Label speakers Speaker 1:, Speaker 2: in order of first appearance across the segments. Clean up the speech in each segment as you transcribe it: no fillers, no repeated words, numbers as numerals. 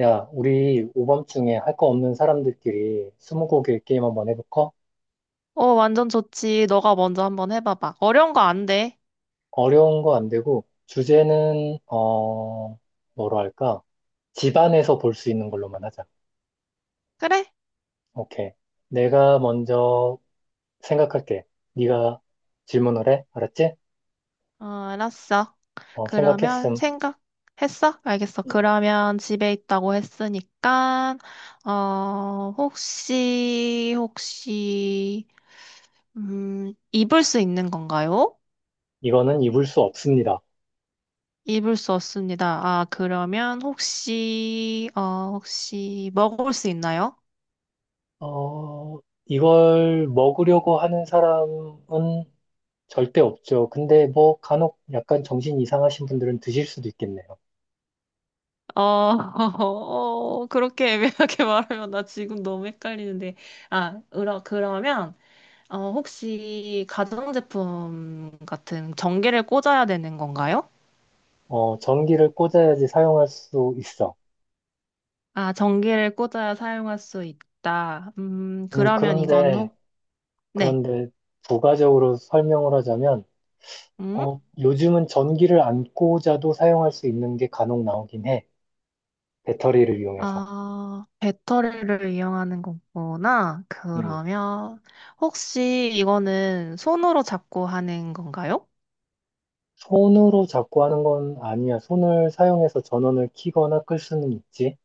Speaker 1: 야, 우리 오밤중에 할 거 없는 사람들끼리 스무고개 게임 한번 해볼까?
Speaker 2: 어, 완전 좋지. 너가 먼저 한번 해봐봐. 어려운 거 안 돼.
Speaker 1: 어려운 거 안 되고, 주제는, 뭐로 할까? 집안에서 볼 수 있는 걸로만 하자.
Speaker 2: 그래?
Speaker 1: 오케이. 내가 먼저 생각할게. 네가 질문을 해. 알았지?
Speaker 2: 어, 알았어. 그러면
Speaker 1: 생각했음.
Speaker 2: 생각했어? 알겠어.
Speaker 1: 음.
Speaker 2: 그러면 집에 있다고 했으니까, 혹시, 입을 수 있는 건가요?
Speaker 1: 이거는 입을 수 없습니다.
Speaker 2: 입을 수 없습니다. 아, 그러면 혹시 먹을 수 있나요?
Speaker 1: 어, 이걸 먹으려고 하는 사람은 절대 없죠. 근데 뭐 간혹 약간 정신 이상하신 분들은 드실 수도 있겠네요.
Speaker 2: 어, 그렇게 애매하게 말하면 나 지금 너무 헷갈리는데. 아, 그러면, 혹시 가전제품 같은 전기를 꽂아야 되는 건가요?
Speaker 1: 전기를 꽂아야지 사용할 수 있어.
Speaker 2: 아, 전기를 꽂아야 사용할 수 있다.
Speaker 1: 음,
Speaker 2: 그러면 이건
Speaker 1: 그런데,
Speaker 2: 네.
Speaker 1: 그런데, 부가적으로 설명을 하자면,
Speaker 2: 음?
Speaker 1: 요즘은 전기를 안 꽂아도 사용할 수 있는 게 간혹 나오긴 해. 배터리를 이용해서.
Speaker 2: 아, 배터리를 이용하는 거구나.
Speaker 1: 음,
Speaker 2: 그러면, 혹시 이거는 손으로 잡고 하는 건가요?
Speaker 1: 손으로 잡고 하는 건 아니야. 손을 사용해서 전원을 켜거나 끌 수는 있지.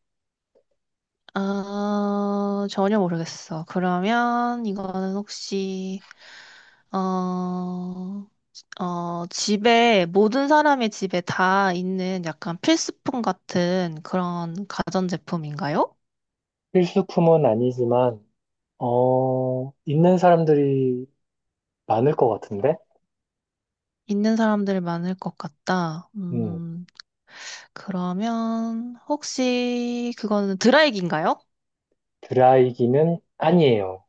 Speaker 2: 아, 전혀 모르겠어. 그러면 이거는 혹시 어, 집에 모든 사람의 집에 다 있는 약간 필수품 같은 그런 가전제품인가요?
Speaker 1: 필수품은 아니지만, 있는 사람들이 많을 것 같은데?
Speaker 2: 있는 사람들 많을 것 같다.
Speaker 1: 음,
Speaker 2: 그러면 혹시 그거는 드라이기인가요?
Speaker 1: 드라이기는 아니에요.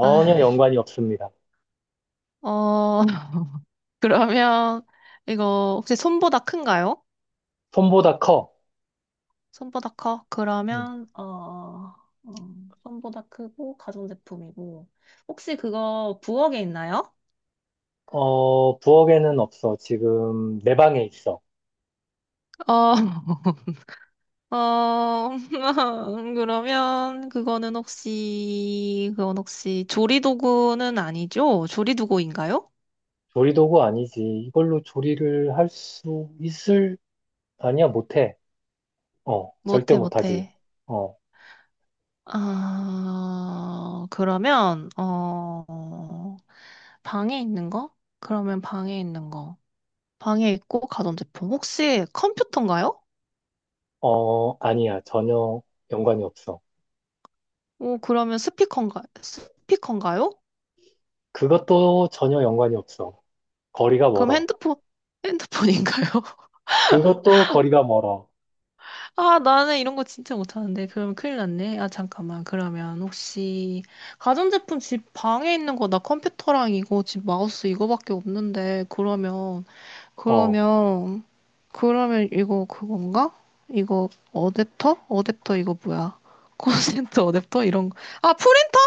Speaker 2: 아,
Speaker 1: 연관이 없습니다.
Speaker 2: 어, 그러면 이거 혹시 손보다 큰가요?
Speaker 1: 손보다 커.
Speaker 2: 손보다 커?
Speaker 1: 음.
Speaker 2: 그러면 어, 손보다 크고 가전제품이고 혹시 그거 부엌에 있나요?
Speaker 1: 부엌에는 없어. 지금 내 방에 있어.
Speaker 2: 어, 어, 그러면 그건 혹시 조리도구는 아니죠? 조리도구인가요?
Speaker 1: 조리도구 아니지. 이걸로 조리를 할 수 있을? 아니야, 못해. 절대
Speaker 2: 못해,
Speaker 1: 못하지.
Speaker 2: 못해.
Speaker 1: 어,
Speaker 2: 아, 그러면, 방에 있는 거? 그러면 방에 있는 거. 방에 있고 가전제품. 혹시 컴퓨터인가요?
Speaker 1: 아니야. 전혀 연관이 없어.
Speaker 2: 오, 그러면 스피커인가요?
Speaker 1: 그것도 전혀 연관이 없어. 거리가
Speaker 2: 그럼
Speaker 1: 멀어.
Speaker 2: 핸드폰인가요?
Speaker 1: 그것도 거리가 멀어.
Speaker 2: 아, 나는 이런 거 진짜 못하는데. 그럼 큰일 났네. 아, 잠깐만. 그러면 혹시, 가전제품 집 방에 있는 거, 나 컴퓨터랑 이거, 집 마우스 이거밖에 없는데.
Speaker 1: 어,
Speaker 2: 그러면, 그러면 이거 그건가? 이거 어댑터? 어댑터 이거 뭐야? 콘센트 어댑터? 이런 거. 아, 프린터?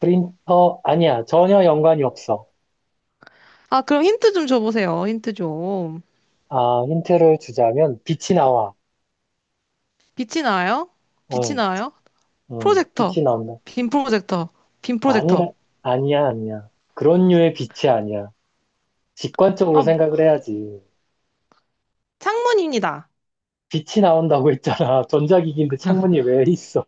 Speaker 1: 프린터? 아니야. 전혀 연관이 없어.
Speaker 2: 아, 그럼 힌트 좀 줘보세요. 힌트 좀.
Speaker 1: 아, 힌트를 주자면 빛이 나와.
Speaker 2: 빛이 나요? 빛이
Speaker 1: 응,
Speaker 2: 나요?
Speaker 1: 응, 빛이
Speaker 2: 프로젝터.
Speaker 1: 나온다.
Speaker 2: 빔 프로젝터. 빔
Speaker 1: 아니라,
Speaker 2: 프로젝터.
Speaker 1: 아니야, 아니야. 그런 류의 빛이 아니야. 직관적으로
Speaker 2: 아,
Speaker 1: 생각을 해야지.
Speaker 2: 창문입니다.
Speaker 1: 빛이 나온다고 했잖아. 전자기기인데 창문이 왜 있어?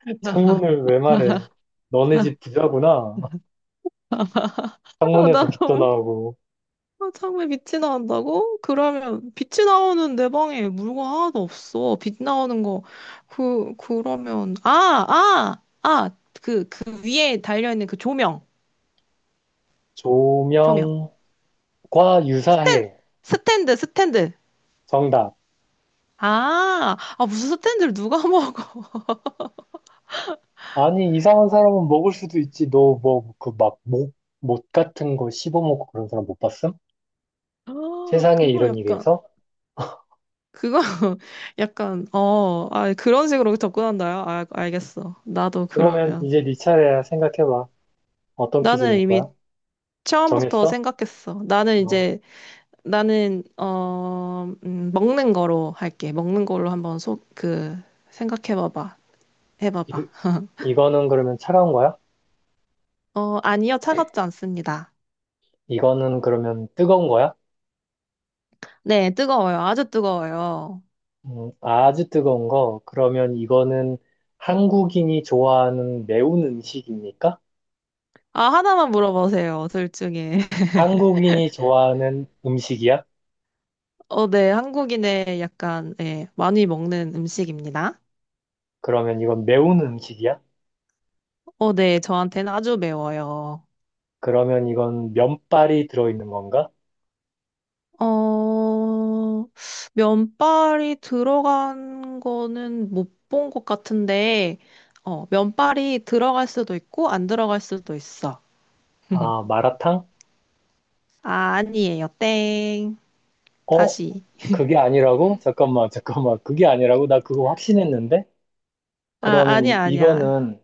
Speaker 1: 창문을 왜 말해? 너네 집 부자구나.
Speaker 2: 아,
Speaker 1: 창문에서 빛도 나오고.
Speaker 2: 창문에 빛이 나온다고? 그러면 빛이 나오는 내 방에 물건 하나도 없어. 빛 나오는 거. 그러면 아. 그 위에 달려 있는 그 조명. 조명.
Speaker 1: 조명과
Speaker 2: 스탠
Speaker 1: 유사해.
Speaker 2: 스탠드 스탠드.
Speaker 1: 정답.
Speaker 2: 아, 아 무슨 스탠드를 누가 먹어?
Speaker 1: 아니, 이상한 사람은 먹을 수도 있지. 너 뭐, 그 막, 못 같은 거 씹어먹고 그런 사람 못 봤음?
Speaker 2: 아,
Speaker 1: 세상에
Speaker 2: 그거
Speaker 1: 이런 일이
Speaker 2: 약간
Speaker 1: 있어?
Speaker 2: 그거 약간 그런 식으로 접근한다요? 아, 알겠어. 나도
Speaker 1: 그러면
Speaker 2: 그러면
Speaker 1: 이제 네 차례야. 생각해봐. 어떤 퀴즈
Speaker 2: 나는
Speaker 1: 낼
Speaker 2: 이미
Speaker 1: 거야?
Speaker 2: 처음부터
Speaker 1: 정했어?
Speaker 2: 생각했어.
Speaker 1: 어.
Speaker 2: 나는 먹는 거로 할게. 먹는 걸로 한번 속그 생각해봐봐.
Speaker 1: 이,
Speaker 2: 해봐봐.
Speaker 1: 이거는 그러면 차가운 거야?
Speaker 2: 어, 아니요, 차갑지 않습니다.
Speaker 1: 이거는 그러면 뜨거운 거야?
Speaker 2: 네, 뜨거워요. 아주 뜨거워요.
Speaker 1: 아주 뜨거운 거. 그러면 이거는 한국인이 좋아하는 매운 음식입니까?
Speaker 2: 아, 하나만 물어보세요. 둘 중에.
Speaker 1: 한국인이 좋아하는 음식이야?
Speaker 2: 어, 네, 한국인의 약간 예 많이 먹는 음식입니다.
Speaker 1: 그러면 이건 매운 음식이야?
Speaker 2: 어, 네, 저한테는 아주 매워요.
Speaker 1: 그러면 이건 면발이 들어있는 건가?
Speaker 2: 어, 면발이 들어간 거는 못 본 것 같은데, 면발이 들어갈 수도 있고, 안 들어갈 수도 있어.
Speaker 1: 아, 마라탕?
Speaker 2: 아, 아니에요. 땡.
Speaker 1: 어,
Speaker 2: 다시.
Speaker 1: 그게 아니라고? 잠깐만, 잠깐만. 그게 아니라고? 나 그거 확신했는데?
Speaker 2: 아,
Speaker 1: 그러면
Speaker 2: 아니야, 아니야.
Speaker 1: 이거는,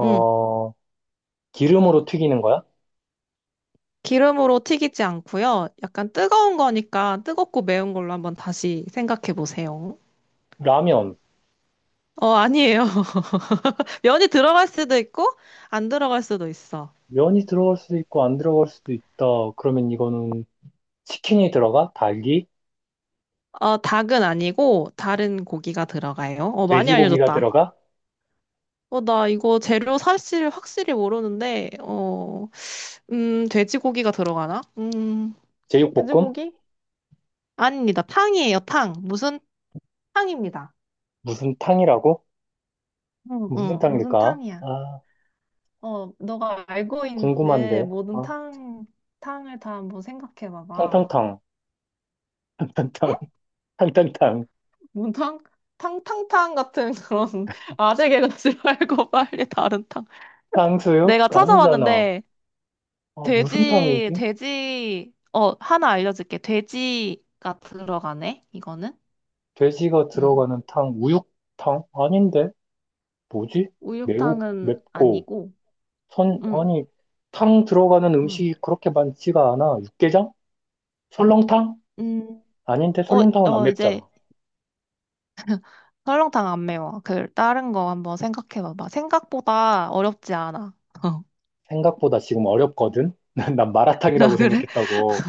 Speaker 2: 응.
Speaker 1: 기름으로 튀기는 거야?
Speaker 2: 기름으로 튀기지 않고요. 약간 뜨거운 거니까 뜨겁고 매운 걸로 한번 다시 생각해 보세요.
Speaker 1: 라면.
Speaker 2: 아니에요. 면이 들어갈 수도 있고, 안 들어갈 수도 있어.
Speaker 1: 면이 들어갈 수도 있고 안 들어갈 수도 있다. 그러면 이거는 치킨이 들어가? 닭이?
Speaker 2: 닭은 아니고 다른 고기가 들어가요. 많이
Speaker 1: 돼지고기가
Speaker 2: 알려줬다.
Speaker 1: 들어가?
Speaker 2: 나 이거 재료 사실 확실히 모르는데, 돼지고기가 들어가나?
Speaker 1: 제육볶음?
Speaker 2: 돼지고기? 아닙니다. 탕이에요, 탕. 무슨 탕입니다.
Speaker 1: 무슨 탕이라고?
Speaker 2: 응,
Speaker 1: 무슨
Speaker 2: 응. 무슨
Speaker 1: 탕일까?
Speaker 2: 탕이야?
Speaker 1: 아,
Speaker 2: 너가 알고
Speaker 1: 궁금한데.
Speaker 2: 있는 모든
Speaker 1: 아,
Speaker 2: 탕, 탕을 다 한번 생각해 봐봐.
Speaker 1: 탕탕탕.
Speaker 2: 응?
Speaker 1: 탕탕탕. 탕탕탕.
Speaker 2: 뭔 탕? 탕탕탕 같은 그런 아재 개그 싫어할 빨리 다른 탕.
Speaker 1: 탕수육?
Speaker 2: 내가
Speaker 1: 아니잖아.
Speaker 2: 찾아봤는데,
Speaker 1: 아, 무슨 탕이지?
Speaker 2: 하나 알려줄게. 돼지가 들어가네, 이거는.
Speaker 1: 돼지가
Speaker 2: 음.
Speaker 1: 들어가는 탕, 우육탕? 아닌데? 뭐지? 매우,
Speaker 2: 우육탕은
Speaker 1: 맵고,
Speaker 2: 아니고, 음,
Speaker 1: 아니, 탕 들어가는
Speaker 2: 음.
Speaker 1: 음식이 그렇게 많지가 않아. 육개장? 설렁탕?
Speaker 2: 음,
Speaker 1: 아닌데, 설렁탕은 안
Speaker 2: 이제
Speaker 1: 맵잖아.
Speaker 2: 설렁탕 안 매워. 다른 거 한번 생각해봐봐. 생각보다 어렵지 않아. 어.
Speaker 1: 생각보다 지금 어렵거든? 난
Speaker 2: 아,
Speaker 1: 마라탕이라고
Speaker 2: 그래?
Speaker 1: 생각했다고.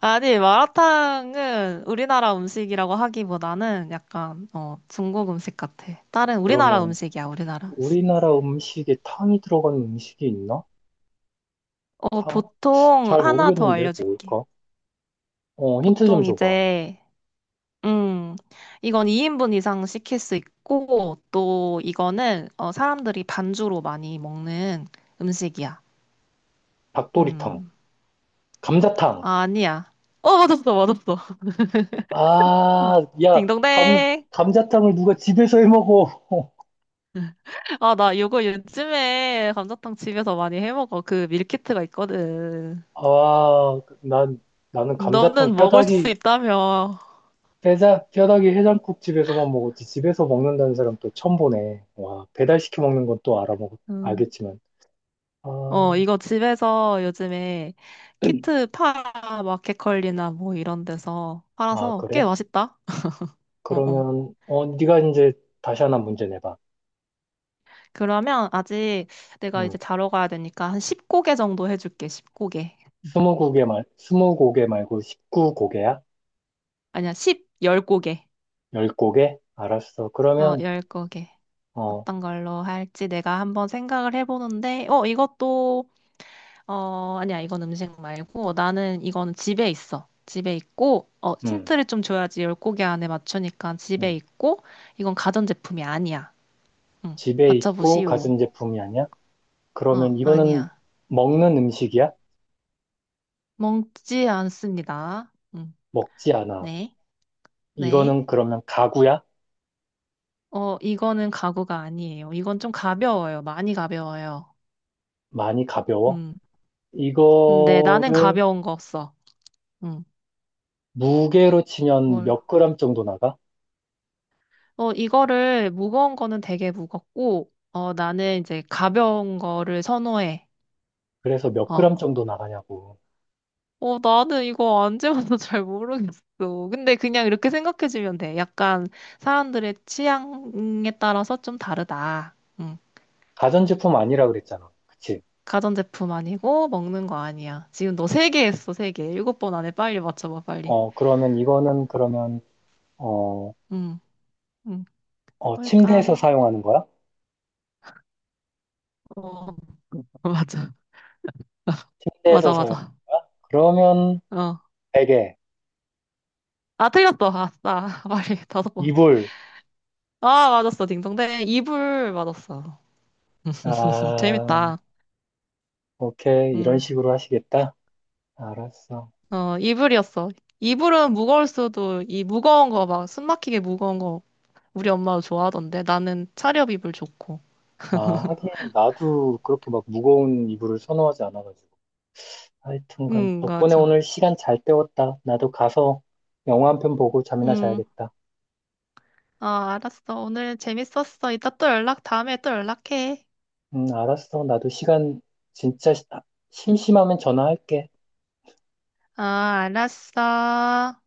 Speaker 2: 아니, 마라탕은 우리나라 음식이라고 하기보다는 약간, 중국 음식 같아. 다른 우리나라
Speaker 1: 그러면
Speaker 2: 음식이야, 우리나라 음식.
Speaker 1: 우리나라 음식에 탕이 들어가는 음식이 있나? 탕?
Speaker 2: 보통
Speaker 1: 잘
Speaker 2: 하나 더
Speaker 1: 모르겠는데
Speaker 2: 알려줄게.
Speaker 1: 뭘까? 힌트 좀
Speaker 2: 보통
Speaker 1: 줘봐.
Speaker 2: 이제 음, 이건 2인분 이상 시킬 수 있고, 또 이거는 사람들이 반주로 많이 먹는 음식이야.
Speaker 1: 닭도리탕,
Speaker 2: 음,
Speaker 1: 감자탕.
Speaker 2: 아, 아니야. 맞았어, 맞았어.
Speaker 1: 아, 야,
Speaker 2: 딩동댕.
Speaker 1: 감자탕을 누가 집에서 해 먹어?
Speaker 2: 아, 나 이거 요즘에 감자탕 집에서 많이 해 먹어. 그 밀키트가 있거든.
Speaker 1: 아, 난 나는 감자탕
Speaker 2: 너는 먹을 수
Speaker 1: 뼈다귀
Speaker 2: 있다며.
Speaker 1: 뼈다귀 해장국 집에서만 먹었지. 집에서 먹는다는 사람 또 처음 보네. 와, 배달시켜 먹는 건 또
Speaker 2: 음.
Speaker 1: 알겠지만. 아,
Speaker 2: 이거 집에서 요즘에 키트 파 마켓컬리나 뭐 이런 데서
Speaker 1: 아,
Speaker 2: 팔아서 꽤
Speaker 1: 그래?
Speaker 2: 맛있다. 어, 어.
Speaker 1: 그러면 네가 이제 다시 하나 문제 내봐.
Speaker 2: 그러면 아직 내가
Speaker 1: 응.
Speaker 2: 이제 자러 가야 되니까 한 10고개 정도 해줄게. 10고개.
Speaker 1: 20곡에 말고 19곡에야?
Speaker 2: 아니야, 10고개.
Speaker 1: 10곡에? 알았어. 그러면
Speaker 2: 10고개.
Speaker 1: 어
Speaker 2: 어떤 걸로 할지 내가 한번 생각을 해보는데, 아니야, 이건 음식 말고, 나는 이거는 집에 있어. 집에 있고,
Speaker 1: 음,
Speaker 2: 힌트를 좀 줘야지 10고개 안에 맞추니까 집에
Speaker 1: 음.
Speaker 2: 있고, 이건 가전제품이 아니야. 응,
Speaker 1: 집에 있고
Speaker 2: 맞춰보시오.
Speaker 1: 가전제품이 아니야?
Speaker 2: 어,
Speaker 1: 그러면 이거는
Speaker 2: 아니야.
Speaker 1: 먹는 음식이야?
Speaker 2: 먹지 않습니다. 응,
Speaker 1: 먹지 않아.
Speaker 2: 네, 네.
Speaker 1: 이거는 그러면 가구야?
Speaker 2: 이거는 가구가 아니에요. 이건 좀 가벼워요. 많이 가벼워요.
Speaker 1: 많이 가벼워?
Speaker 2: 음. 근데 나는
Speaker 1: 이거를
Speaker 2: 가벼운 거 없어. 음.
Speaker 1: 무게로 치면
Speaker 2: 뭘?
Speaker 1: 몇 그램 정도 나가?
Speaker 2: 이거를 무거운 거는 되게 무겁고, 나는 이제 가벼운 거를 선호해.
Speaker 1: 그래서 몇
Speaker 2: 어.
Speaker 1: 그램 정도 나가냐고.
Speaker 2: 나는 이거 안 재봐서 잘 모르겠어. 근데 그냥 이렇게 생각해주면 돼. 약간 사람들의 취향에 따라서 좀 다르다. 음.
Speaker 1: 가전제품 아니라 그랬잖아. 그치?
Speaker 2: 가전제품 아니고 먹는 거 아니야. 지금 너 세 개 했어, 세 개. 일곱 번 안에 빨리 맞춰봐, 빨리.
Speaker 1: 그러면 이거는 그러면 어,
Speaker 2: 음. 음.
Speaker 1: 침대에서
Speaker 2: 뭘까?
Speaker 1: 사용하는 거야?
Speaker 2: 어, 맞아.
Speaker 1: 침대에서
Speaker 2: 맞아,
Speaker 1: 사용하는
Speaker 2: 맞아.
Speaker 1: 거야? 그러면
Speaker 2: 어.
Speaker 1: 베개,
Speaker 2: 아, 틀렸어. 아싸. 빨리 다섯 번.
Speaker 1: 이불,
Speaker 2: 아, 맞았어. 딩동댕. 이불 맞았어.
Speaker 1: 아,
Speaker 2: 재밌다.
Speaker 1: 오케이. 이런
Speaker 2: 음.
Speaker 1: 식으로 하시겠다? 알았어.
Speaker 2: 이불이었어. 이불은 무거울 수도, 이 무거운 거 막, 숨 막히게 무거운 거 우리 엄마도 좋아하던데. 나는 차렵 이불 좋고.
Speaker 1: 아, 하긴 나도 그렇게 막 무거운 이불을 선호하지 않아가지고. 하여튼간 덕분에
Speaker 2: 맞아.
Speaker 1: 오늘 시간 잘 때웠다. 나도 가서 영화 한 편 보고 잠이나
Speaker 2: 음.
Speaker 1: 자야겠다.
Speaker 2: 아, 알았어. 오늘 재밌었어. 이따 다음에 또 연락해.
Speaker 1: 알았어. 나도 시간 진짜 심심하면 전화할게.
Speaker 2: 아, 알았어.